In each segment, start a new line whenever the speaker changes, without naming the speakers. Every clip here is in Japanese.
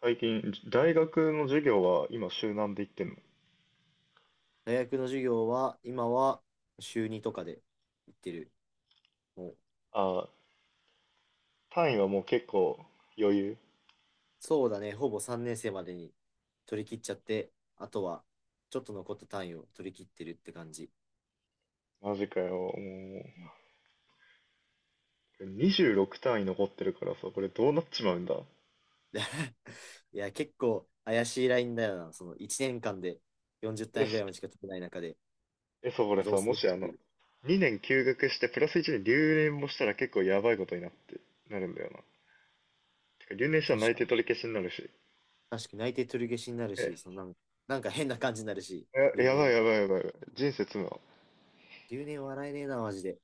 最近、大学の授業は今週何で行ってんの？
大学の授業は今は週2とかで行ってる。もう
あー単位はもう結構余裕。
そうだね、ほぼ3年生までに取り切っちゃって、あとはちょっと残った単位を取り切ってるって感じ。
マジかよ。も
うん。
う、26単位残ってるからさ、これどうなっちまうんだ。
いや、結構怪しいラインだよな。その1年間で40
え、
単位ぐらいまでしか取れない中で、
そえ、そう、こ
ま
れ
あ、どう
さ、
す
も
る
し
か
あ
って
の、
いう。
2年休学してプラス1年留年もしたら結構やばいことになって、なるんだよな。てか、留年したら
確
内
か
定
に。
取り消しになるし。
確かに内定取り消しになるし、そ
え、
のなんか変な感じになるし、留
や
年
ばい
も
やばいやばいやばい。人生詰むわ。
留年笑えねえな、マジで。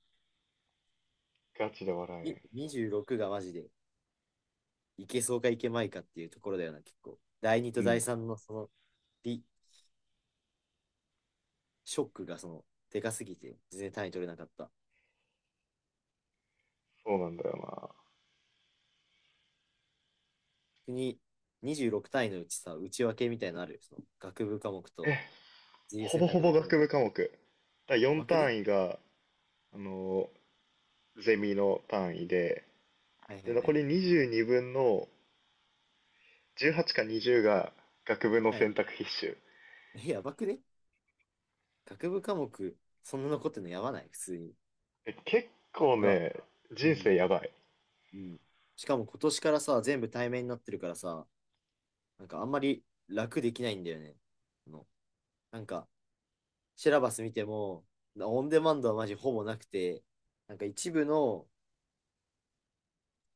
ガチで笑
26がマジでいけそうかいけまいかっていうところだよな、結構。第2
え
と
ん。うん。
第3のそのリショックがそのでかすぎて、全然単位取れなかった。
そうなんだよ
国26単位のうちさ、内訳みたいなのあるよ。その学部科目
な。
と自由
ほ
選
ぼほ
択の
ぼ
科目。
学部科目。だ
や
4
ばくね？
単位が、あのゼミの単位で、
はいはい
で、
は
残
い。
り22分の18か20が学部の
はい、
選択必修。
やばくね？学部科目、そんな残ってんのやばない？普通に。
結構
が、
ね、
う
人
ん、
生やばい。
うん。しかも今年からさ、全部対面になってるからさ、なんかあんまり楽できないんだよね。あの、なんか、シラバス見ても、オンデマンドはマジほぼなくて、なんか一部の、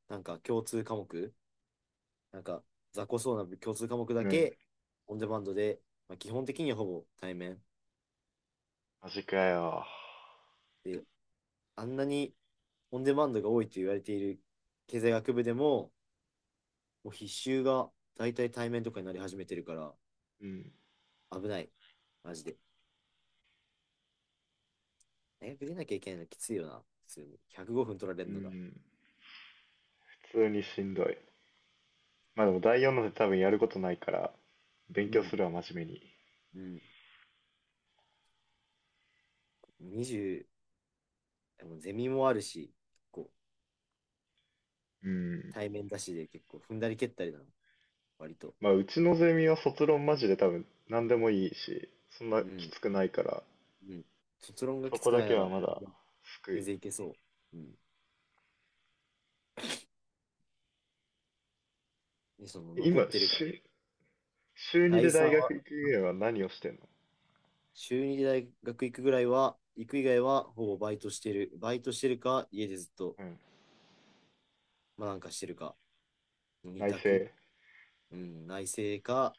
なんか共通科目、なんか雑魚そうな共通科目
う
だ
ん。
け、オンデマンドで、まあ、基本的にはほぼ対面。
マジかよ。
で、あんなにオンデマンドが多いと言われている経済学部でも、もう必修が大体対面とかになり始めてるから、
うん。
危ない。マジで。大学出なきゃいけないのきついよな。普通に。105分取られ
う
るのが。
ん。普通にしんどい。まあでも第4ので多分やることないから、勉
う
強
ん。
するわ、真面目に。
うん。20、でもゼミもあるし、こう、
うん。
対面だしで結構踏んだり蹴ったりだな、割と。
まあうちのゼミは卒論マジで多分何でもいいし、そんな
う
き
ん。
つくないから、
うん。卒論が
そ
きつ
こ
く
だ
ない
け
な
は
ら、
まだ救
全
い。
然いけそう。うん。で、その残っ
今、
てるから、
週2
第
で
3
大
は、
学行く上は何をしてんの？
週2で大学行くぐらいは、行く以外はほぼバイトしてる。バイトしてるか、家でずっと、
うん。
まあなんかしてるか、2
内
択。
政。
うん、内政か、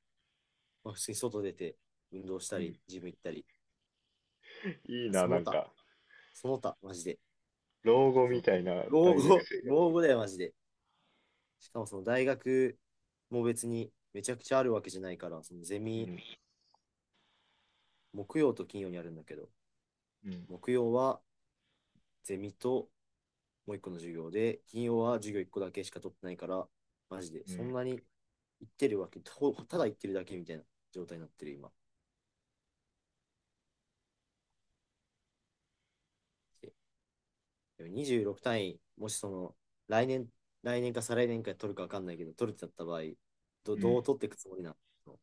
まあ、普通に外出て、運動した
うん。
り、ジム行ったり、
いい
まあ
な、
そ
な
の
ん
他、
か、
その他、マジで。い
老後
そ
み
の
たいな
老
大学
後、
生
老
活。
後だよ、マジで。しかもその大学も別にめちゃくちゃあるわけじゃないから、そのゼ
う
ミ、
ん、
木曜と金曜にあるんだけど、
うん、
木曜はゼミともう一個の授業で、金曜は授業一個だけしか取ってないから、マジで
う
そん
ん、
なに行ってるわけ、ただ行ってるだけみたいな状態になってる今。で26単位、もしその来年、来年か再来年か取るか分かんないけど、取るってなった場合、
うん。
どう取っていくつもりなの？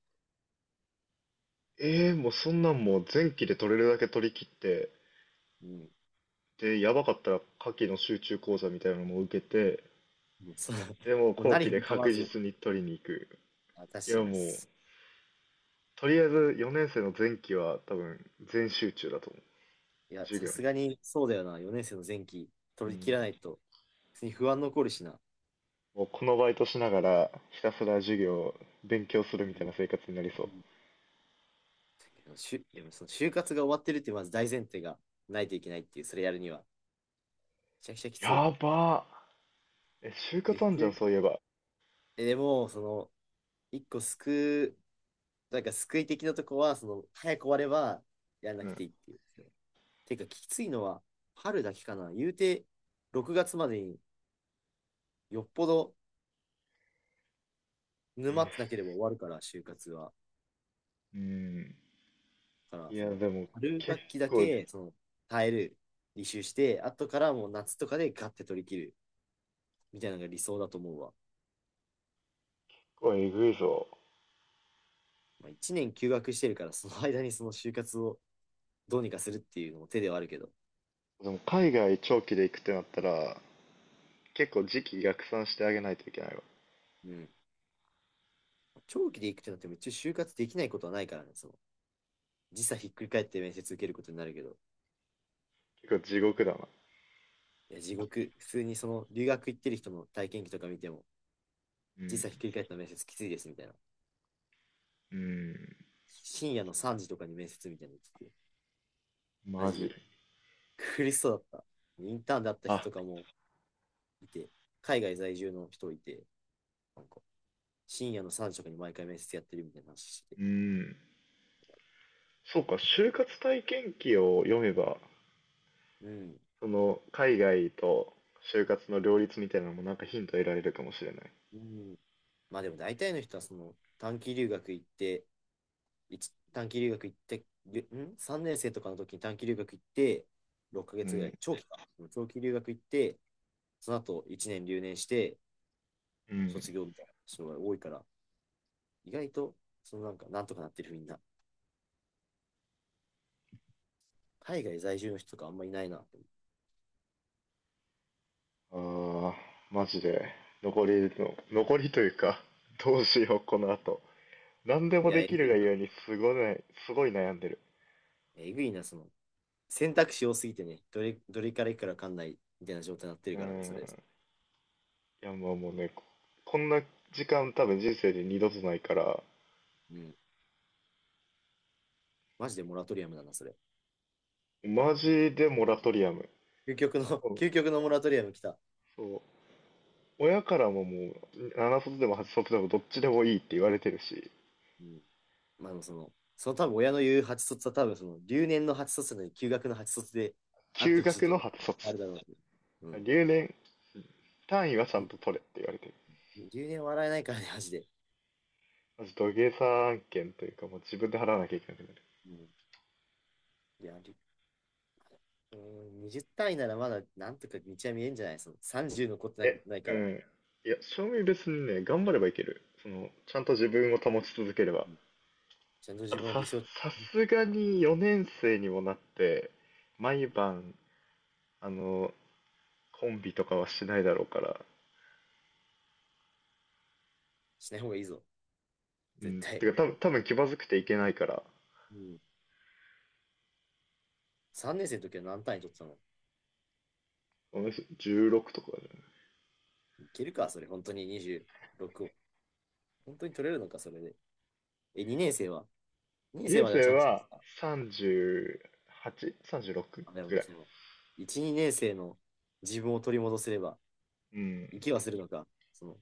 ええー、もうそんなんもう前期で取れるだけ取り切って、
うん。
で、やばかったら夏季の集中講座みたいなのも受けて、でもう
もう
後
何
期
振
で
りかまわ
確
ず、
実に取りに行く。
あ、確
いや、
かに。
もう、とりあえず4年生の前期は多分全集中だと思う。
いや、
授
さ
業
す
に。
がにそうだよな。4年生の前期
う
取り切
ん。
らないと、普通に不安残るしな。
もうこのバイトしながらひたすら授
うん。
業、勉強する
う
みたい
ん。
な生活になりそ
う
う。
ん。でもその就活が終わってるっていうまず大前提がないといけないっていう、それやるには。めちゃくちゃきつい。
やばー就
で、
活
普
あんじゃ
通
ん、
に、
そういえば。
でも、その、一個救う、なんか救い的なとこは、その、早く終わればやらな
う
く
ん。
ていいっていう。てか、きついのは春だけかな。言うて、6月までによっぽど沼ってなければ終わるから、就活は。
うん。
から、
い
そ
や、
の、
でも
春
結
学期だ
構、
け、その、耐える、履修して、後からもう夏とかでガッて取り切る、みたいなのが理想だと思うわ。
これえぐいぞ。
まあ、1年休学してるから、その間にその就活をどうにかするっていうのも手ではあるけど、
でも海外長期で行くってなったら、結構時期逆算してあげないといけないわ。
うん。長期で行くってなっても一応就活できないことはないからね、その、時差ひっくり返って面接受けることになるけど、
結構地獄だな。
いや、地獄、普通にその、留学行ってる人の体験記とか見ても、
う
時差ひっ
ん。
くり返った面接きついですみたいな。
うん。
深夜の3時とかに面接みたいなの聞く。マ
マ
ジ
ジ。
で。苦しそうだった。インターンで会った
あ、
人とかもいて、海外在住の人いて、なんか深夜の3食に毎回面接やってるみたいな話して。
うん。そうか、就活体験記を読めば、
うん。
その海外と就活の両立みたいなのもなんかヒント得られるかもしれない。
うん、まあでも大体の人はその短期留学行って、短期留学行って、?3 年生とかの時に短期留学行って、6ヶ
う
月ぐら
ん。
い、長期か。長期留学行って、その後1年留年して、
うん。
卒業みたいな人が多いから、意外と、そのなんか、なんとかなってるみんな。海外在住の人とかあんまいないなって。
ああ、マジで。残りの、残りというか、どうしよう、この後。何で
い
も
や、
で
え
き
ぐ
る
い
がゆえにすごいね、すごい悩んでる。
えぐいな、その、選択肢多すぎてね、どれからいくかわかんないみたいな状態になってる
う
からな、それ。
ん。いや、まあもうね、こんな時間多分人生で二度とないから、
うん。マジでモラトリアムだな、それ。
マジでモラトリアム。
究極の、
そう。
究極のモラトリアム来た。
そう、親からももう、7卒でも8卒でもどっちでもいいって言われてるし、
うん。まあ、その、その多分親の言う8卒は多分その、留年の8卒なのに休学の8卒であっ
休
てほしいっ
学
て
の
ね、
8卒。
あるだろう、ね。うん。
留年単位はちゃんと取れって言われてる。
留年笑えないからね、マジで。
マジ土下座案件というか、もう自分で払わなきゃいけなくなる。
うん。いや、うん、20単位ならまだなんとか道は見えんじゃない？その ?30 残ってないないか
う
ら、
ん。いや、正味別にね、頑張ればいける。ちゃんと自分を保ち続ければ。
うん、ちゃんと
あ
自
と
分を
さ、
理想
さすがに4年生にもなって、毎晩、あの、コンビとかはしないだろうから、
しない方がいいぞ、
う
絶
ん、
対。
てか多分気まずくていけないから、
うん、3年生の時は何単位取ってたの？
私16とか
いけるか、それ、本当に26を。本当に取れるのか、それで。え、2年生は
じゃない？2
?2 年生
年
まではち
生
ゃんと取って
は
た。
38?36?
あ、で
ぐ
も、
らい。
その、1、2年生の自分を取り戻せれば、
うん。
生きはするのか、その、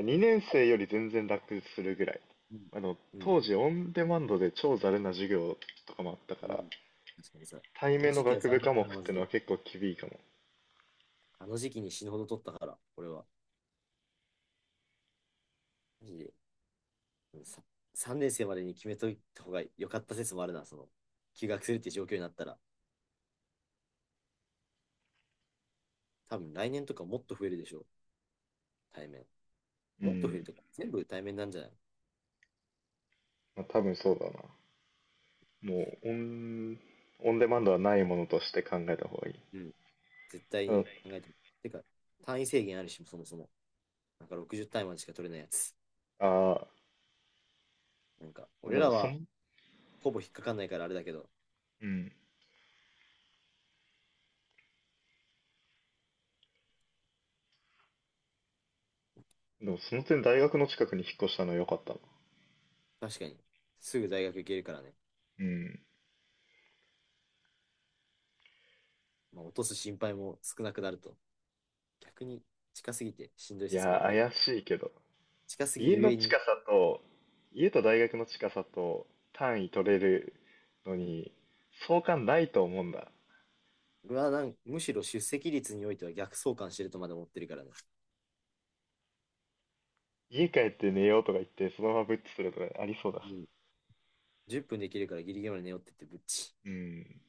2年生より全然楽するぐらい。
うん、うん、
当時オンデマンドで超ざるな授業とかもあった
う
から、
ん。確かにさ、
対
あ
面
の
の
時期は
学
ざ
部
るだっ
科目
たな
っ
マ
て
ジ
のは
で。
結構厳いかも。
あの時期に死ぬほど取ったから、俺は。マジで。3年生までに決めといた方が良かった説もあるな、その、休学するって状況になったら。多分来年とかもっと増えるでしょ、対面。
う
もっと増える
ん。
とか、全部対面なんじゃない？
まあ、多分そうだな。もうオンデマンドはないものとして考えた方がいい。
うん。絶対
あの、
に考えても。てか、単位制限あるし、そもそも。なんか60単位までしか取れないやつ。
あ
なんか、
ーで
俺
も
らはほぼ引っかかんないからあれだけど、
うん。でもその点大学の近くに引っ越したのは良かったな。
確かに、すぐ大学行けるからね。
うん。
まあ、落とす心配も少なくなると。逆に近すぎてしんどい
い
説も
や
あ
ー、
るけど、
怪しいけど。
近すぎる
家
ゆ
の
えに、
近さと、家と大学の近さと単位取れる
う
の
ん。
に、相関ないと思うんだ。
俺はむしろ出席率においては逆相関してるとまで思ってるからね。
家帰って寝ようとか言って、そのままブッチするとかありそうだ
う
し。
ん。10分できるからギリギリまで寝よって言ってぶっち。
うん。